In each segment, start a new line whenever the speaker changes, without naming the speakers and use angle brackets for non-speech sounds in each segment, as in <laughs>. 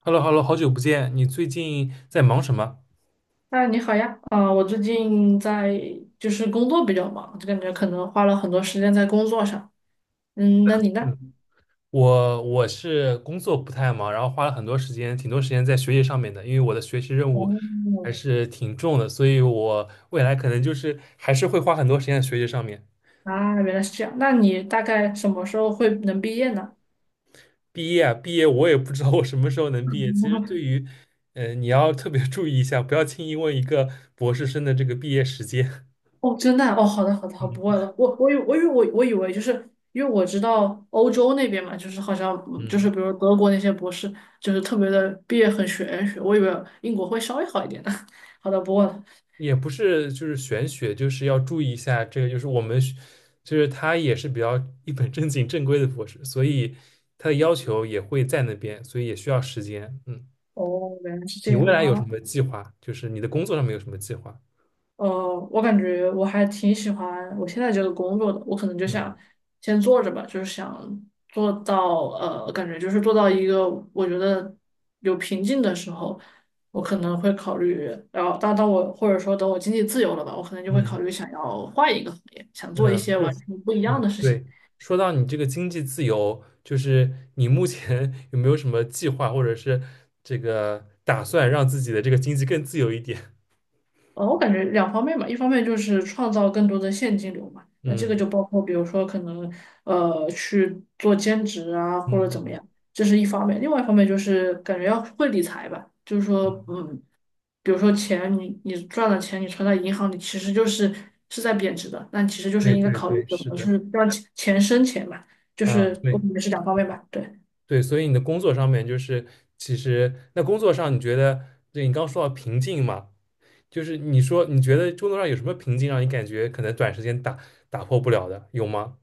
h e l l o h e l l o 好久不见，你最近在忙什么？
啊，你好呀，啊、我最近在就是工作比较忙，就感觉可能花了很多时间在工作上。嗯，那你呢？
嗯，我是工作不太忙，然后花了很多时间，挺多时间在学习上面的，因为我的学习任务还
哦，
是挺重的，所以我未来可能就是还是会花很多时间在学习上面。
啊，原来是这样。那你大概什么时候会能毕业呢？
毕业啊，毕业我也不知道我什么时候能毕业。其实对
<laughs>
于，你要特别注意一下，不要轻易问一个博士生的这个毕业时间。
哦，真的啊？哦，好的，好的，好，
<laughs>
不问
嗯
了。我以为就是因为我知道欧洲那边嘛，就是好像就是
嗯。
比如德国那些博士，就是特别的毕业很玄学，我以为英国会稍微好一点的。<laughs> 好的，不问了。
也不是就是玄学，就是要注意一下这个，就是我们学就是他也是比较一本正经正规的博士，所以他的要求也会在那边，所以也需要时间。嗯，
哦，原来是这
你未
样
来有什
啊。
么计划？就是你的工作上面有什么计划？
呃，我感觉我还挺喜欢我现在这个工作的，我可能就
嗯
想先做着吧，就是想做到感觉就是做到一个我觉得有瓶颈的时候，我可能会考虑，然后当我或者说等我经济自由了吧，我可能就会考
嗯
虑想要换一个行业，想做一
嗯，
些
就
完
是
全不一样
嗯
的事情。
对。说到你这个经济自由，就是你目前 <laughs> 有没有什么计划，或者是这个打算让自己的这个经济更自由一点？
我感觉两方面吧，一方面就是创造更多的现金流嘛，
<laughs>
那这个
嗯
就包括比如说可能去做兼职啊
嗯
或者怎么
嗯
样，这是一方面；另外一方面就是感觉要会理财吧，就是
嗯，
说比如说钱你赚了钱你存在银行里其实是在贬值的，那其实就是
对
应该
对
考虑
对，
怎
是
么去
的。
让钱钱生钱嘛，就
啊，
是我
对，
感觉是两方面吧，对。
对，所以你的工作上面就是，其实那工作上你觉得，对你刚说到瓶颈嘛，就是你说你觉得工作上有什么瓶颈让你感觉可能短时间打破不了的，有吗？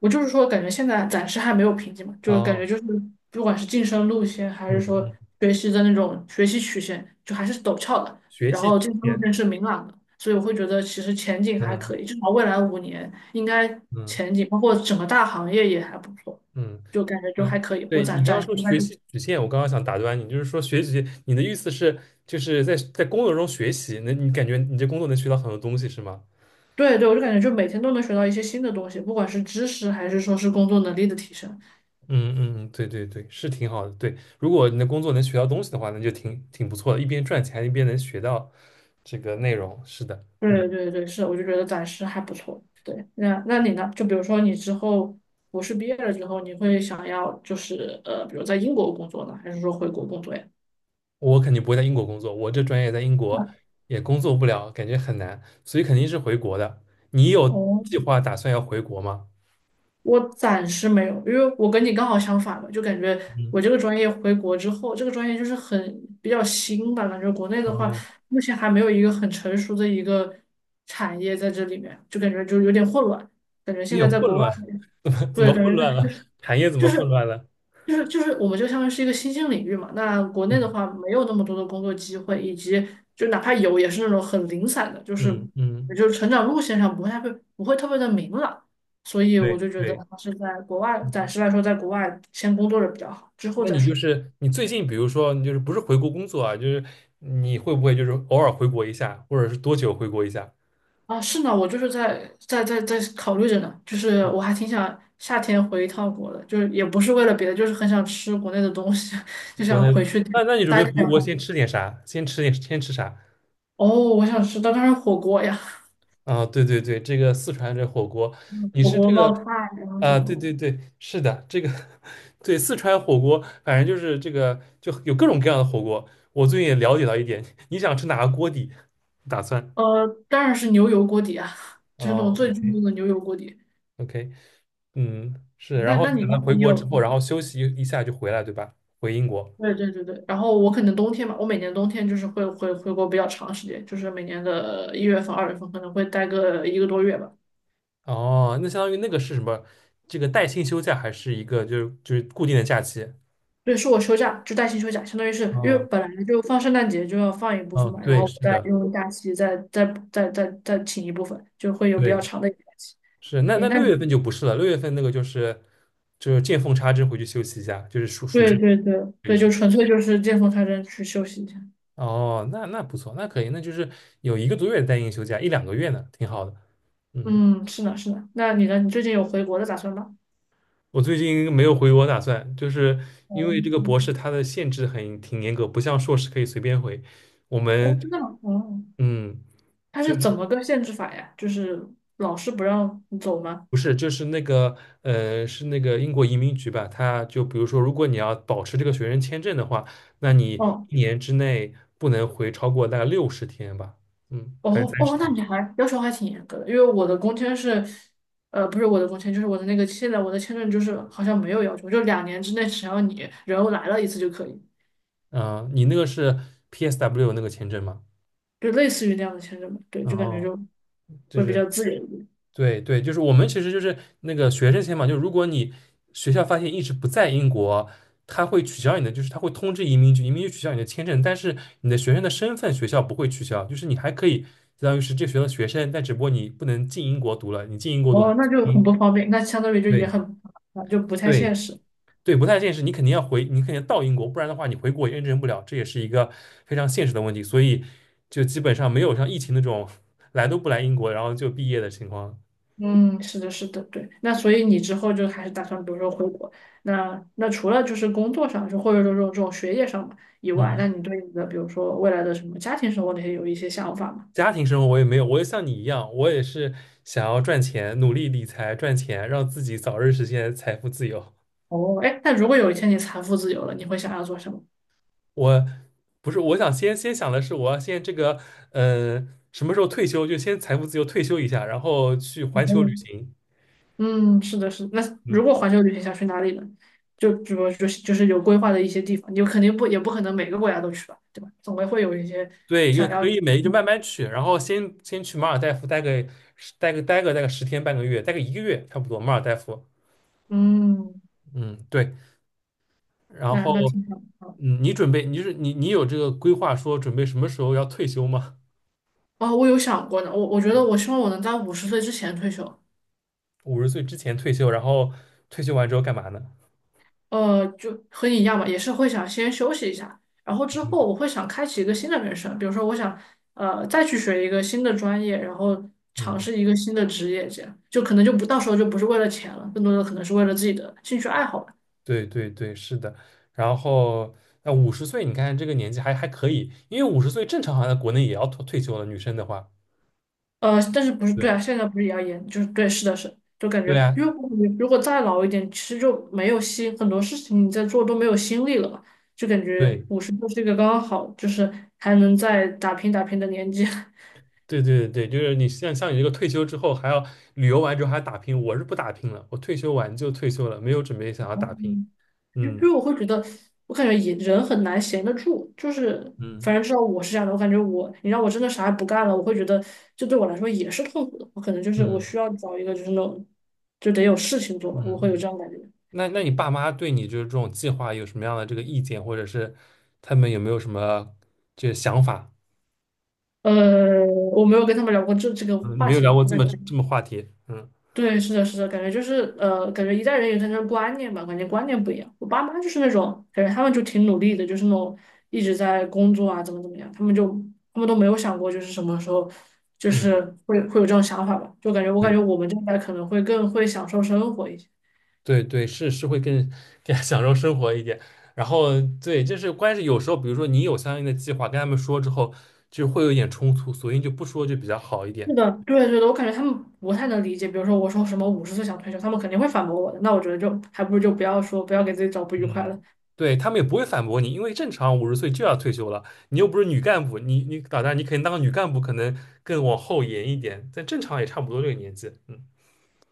我就是说，感觉现在暂时还没有瓶颈嘛，就是感觉
哦，
就是不管是晋升路线，还是
嗯
说
嗯，
学习的那种学习曲线，就还是陡峭的。
学
然
习
后
曲
晋升路
线，
线是明朗的，所以我会觉得其实前景还
嗯
可以，至少未来5年应该
嗯
前景，包括整个大行业也还不错，
嗯
就感觉就还
嗯，
可以。我
对
暂
你刚
暂
刚
时
说
应该
学
就
习曲线，我刚刚想打断你，就是说学习，你的意思是就是在工作中学习，那你感觉你这工作能学到很多东西是吗？
对对，我就感觉就每天都能学到一些新的东西，不管是知识还是说是工作能力的提升。
嗯嗯，对对对，是挺好的。对，如果你的工作能学到东西的话，那就挺不错的，一边赚钱一边能学到这个内容。是的，嗯，
对对对，是，我就觉得暂时还不错。对，那你呢？就比如说你之后博士毕业了之后，你会想要就是比如在英国工作呢，还是说回国工作呀？
我肯定不会在英国工作，我这专业在英国也工作不了，感觉很难，所以肯定是回国的。你有
哦，
计划打算要回国吗？
我暂时没有，因为我跟你刚好相反嘛，就感觉
嗯，
我这个专业回国之后，这个专业就是比较新吧，感觉国内的话
哦，
目前还没有一个很成熟的一个产业在这里面，就感觉就有点混乱，感觉现
有
在
点
在
混
国外，
乱，<laughs> 怎么怎
对，
么
感
混
觉
乱
在。
了？产业怎
就
么混
是
乱了？
就是我们就相当于是一个新兴领域嘛。那国内的
嗯
话，没有那么多的工作机会，以及就哪怕有，也是那种很零散的，就是
嗯
也
嗯，
就是成长路线上不会特别的明朗。所以我
对
就觉得
对。
还是在国外，暂时来说，在国外先工作着比较好，之后
那
再
你就
说。
是你最近，比如说，你就是不是回国工作啊，就是你会不会就是偶尔回国一下，或者是多久回国一下？
啊，是呢，我就是在考虑着呢，就是我还挺想夏天回一趟国的，就是也不是为了别的，就是很想吃国内的东西，<laughs> 就
国
想
内，
回去
那你准备
待个
回
两
国先
天。
吃点啥？先吃点，先吃啥？
哦，我想吃，当然是火锅呀。
啊，对对对，这个四川这火锅，你
火
是
锅
这
冒
个
菜，然后什
啊，
么
对
的
对对，是的，这个 <laughs> 对四川火锅，反正就是这个就有各种各样的火锅。我最近也了解到一点，你想吃哪个锅底？打算
当然是牛油锅底啊，<laughs> 就是那种
哦
最正宗的牛油锅底。
，OK。嗯，是，
那
然后
那
等
你
他
呢？
回
你
国之
有？
后，
你
然后休息一下就回来，对吧？回英国。
对对对对。然后我可能冬天嘛，我每年冬天就是会回国比较长时间，就是每年的1月份、2月份可能会待个1个多月吧。
哦，那相当于那个是什么？这个带薪休假还是一个就是固定的假期？
对，是我休假，就带薪休假，相当于是因为
哦
本来就放圣诞节就要放一部
哦，
分嘛，然
对，
后我
是
再
的，
用假期再再再再再请一部分，就会有比较
对，
长的一个假期。
是。那
诶，
那六月份就不是了，六月份那个就是就是见缝插针回去休息一下，就是暑暑
对
假
对对
这个
对，就
是。
纯粹就是见缝插针去休息一下。
哦，那不错，那可以，那就是有一个多月的带薪休假，一两个月呢，挺好的。嗯。
嗯，是的，是的。那你呢？你最近有回国的打算吗？
我最近没有回国打算，就是
哦，
因为这个博士它的限制很挺严格，不像硕士可以随便回。我
哦，真
们
的吗？哦，
嗯，
他
就
是怎么个限制法呀？就是老师不让你走吗？
不是就是那个是那个英国移民局吧，他就比如说，如果你要保持这个学生签证的话，那你
哦，
一年之内不能回超过大概60天吧，嗯，还是
哦，
三十
哦，那
天
你还要求还挺严格的，因为我的工签是，不是我的工签，就是我的那个现在我的签证就是好像没有要求，就2年之内只要你人来了一次就可以，
啊？你那个是 PSW 那个签证吗？
就类似于那样的签证嘛。对，就感觉
哦。
就会比较自由一点。
对对，就是我们其实就是那个学生签嘛，就如果你学校发现一直不在英国，他会取消你的，就是他会通知移民局，移民局取消你的签证，但是你的学生的身份学校不会取消，就是你还可以相当于是这个学校的学生，但只不过你不能进英国读了，你进英国读还
哦，那就很不
嗯，
方便，那相当于就也
对
很，就不太
对
现实。
对，不太现实，你肯定要回，你肯定要到英国，不然的话你回国也认证不了，这也是一个非常现实的问题，所以就基本上没有像疫情那种 <laughs> 来都不来英国，然后就毕业的情况，
嗯，是的，是的，对。那所以你之后就还是打算，比如说回国，那除了就是工作上，就或者说这种学业上嘛以外，
嗯。
那你对你的比如说未来的什么家庭生活那些有一些想法吗？
家庭生活我也没有，我也像你一样，我也是想要赚钱，努力理财赚钱，让自己早日实现财富自由。
哦，哎，那如果有一天你财富自由了，你会想要做什么？
我不是，我想先想的是，我要先这个，什么时候退休就先财富自由退休一下，然后去环球旅
嗯，
行。
嗯，是的，是的。那
嗯，
如果环球旅行想去哪里呢？就比如就是就是有规划的一些地方，你肯定不也不可能每个国家都去吧，对吧？总归会有一些
对，也
想
可
要，
以没就慢慢去，然后先去马尔代夫待个十天半个月，待个一个月差不多，马尔代夫。
嗯，
嗯，对，然
那那
后
挺好。
嗯，你准备你是你有这个规划说准备什么时候要退休吗？
哦，我有想过呢，我觉得我希望我能在五十岁之前退休，
五十岁之前退休，然后退休完之后干嘛呢？
就和你一样吧，也是会想先休息一下，然后之
嗯，
后我会想开启一个新的人生，比如说我想再去学一个新的专业，然后尝
嗯，
试一个新的职业，这样就可能就不到时候就不是为了钱了，更多的可能是为了自己的兴趣爱好。
对对对，是的。然后那五十岁，你看这个年纪还还可以，因为五十岁正常好像在国内也要退休了，女生的话。
但是不是对啊？
对
现在不是也要严？就是对，是的是，就感觉，
对啊，
因为我感觉如果再老一点，其实就没有心，很多事情你在做都没有心力了吧？就感觉
对
五十就是一个刚刚好，就是还能再打拼打拼的年纪。
对对对，就是你像你这个退休之后还要旅游完之后还要打拼，我是不打拼了，我退休完就退休了，没有准备想要
<laughs>
打拼。
因为我会觉得，我感觉也人很难闲得住，就是反
嗯
正至少我是这样的，我感觉你让我真的啥也不干了，我会觉得这对我来说也是痛苦的。我可能就是我
嗯
需要找一个就是那种就得有事情做
嗯
吧，我
嗯
会
嗯
有
嗯。
这样的感觉。
那那你爸妈对你就是这种计划有什么样的这个意见，或者是他们有没有什么这个想法？
呃，我没有跟他们聊过这个
嗯，
话
没有
题
聊
呢。
过
我
这
感
么
觉，
这么话题。嗯
对，是的，是的，感觉就是感觉一代人有一代人的观念吧，感觉观念不一样。我爸妈就是那种感觉，他们就挺努力的，就是那种一直在工作啊，怎么怎么样，他们都没有想过就是什么时候就
嗯，
是会有这种想法吧。就感觉我感觉
对
我们这一代可能会更会享受生活一些。
对对，是是会更享受生活一点。然后对，就是关键是有时候，比如说你有相应的计划，跟他们说之后，就会有一点冲突，索性就不说就比较好一
是
点。
的，对对的，我感觉他们不太能理解。比如说我说什么五十岁想退休，他们肯定会反驳我的。那我觉得就还不如就不要说，不要给自己找不愉快
嗯，
了。
对，他们也不会反驳你，因为正常五十岁就要退休了，你又不是女干部，你你打算你肯定当个女干部可能更往后延一点，但正常也差不多这个年纪，嗯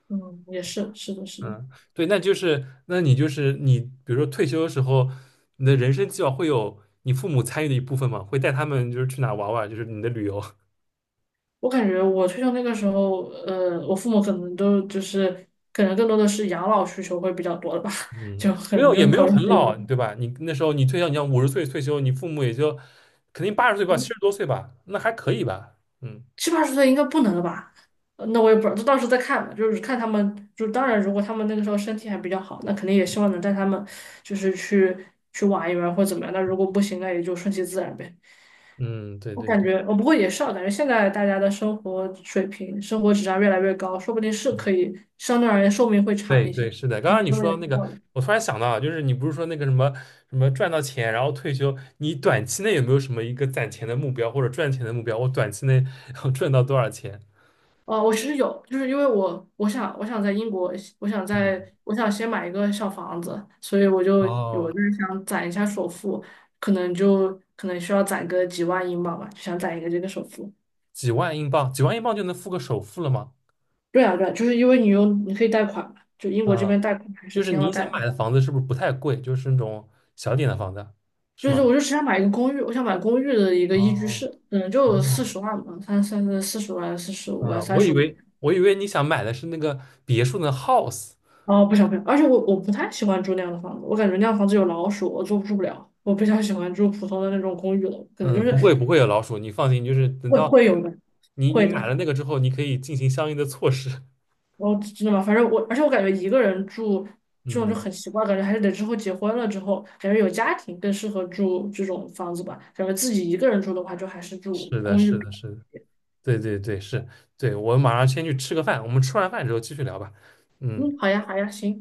嗯，也是，是的，是的。
嗯，对，那就是那你就是你，比如说退休的时候，你的人生计划会有你父母参与的一部分嘛，会带他们就是去哪玩玩，就是你的旅游，<laughs>
我感觉我退休那个时候，我父母可能都就是可能更多的是养老需求会比较多的吧，<laughs>
嗯，
就可
没
能
有
就
也
是
没
考
有
虑
很
己养
老，
老。
对吧？你那时候你退休，你要五十岁退休，你父母也就肯定80岁吧，70多岁吧，那还可以吧，嗯
七八十岁应该不能了吧？那我也不知道，就到时候再看吧。就是看他们，就当然如果他们那个时候身体还比较好，那肯定也希望能带他们就是去玩一玩或怎么样。那如果不行，那也就顺其自然呗。
嗯，对
我
对
感
对。
觉，我不过也是啊，感觉现在大家的生活水平、生活质量越来越高，说不定是可以相对而言寿命会长
对
一
对，
些。
是的。刚刚
你
你
说的
说
也
到
是
那个，
道理。
我突然想到啊就是你不是说那个什么什么赚到钱，然后退休，你短期内有没有什么一个攒钱的目标或者赚钱的目标？我短期内要 <laughs> 赚到多少钱？
哦，我其实有，就是因为我想在英国，
嗯，
我想先买一个小房子，所以我就有
哦，
就是想攒一下首付，可能就可能需要攒个几万英镑吧，就想攒一个这个首付。
几万英镑，几万英镑就能付个首付了吗？
对啊，对啊，就是因为你可以贷款嘛，就英国这
啊，
边贷款还是
就是
挺好
你想
贷的。
买的房子是不是不太贵？就是那种小点的房子，是
就是
吗？
我就只想买一个公寓，我想买公寓的一个一居
哦
室，嗯，就
哦，
四十万吧，三四十万、45万、
嗯，
三
我以
十五。
为我以为你想买的是那个别墅的 house。
哦，不想不想，而且我我不太喜欢住那样的房子，我感觉那样房子有老鼠，我住住不了。我比较喜欢住普通的那种公寓楼，可能就
嗯，
是
不会不会有老鼠，你放心，就是等
会
到
会有的，
你
会
买
的。
了那个之后，你可以进行相应的措施。
我真的吗？反正我，而且我感觉一个人住
<laughs>
这种就
嗯，
很奇怪，感觉还是得之后结婚了之后，感觉有家庭更适合住这种房子吧。感觉自己一个人住的话，就还是住
是的，
公寓
是
比
的，是的，对对对，是，对，我马上先去吃个饭，我们吃完饭之后继续聊吧。嗯。
嗯，好呀，好呀，行。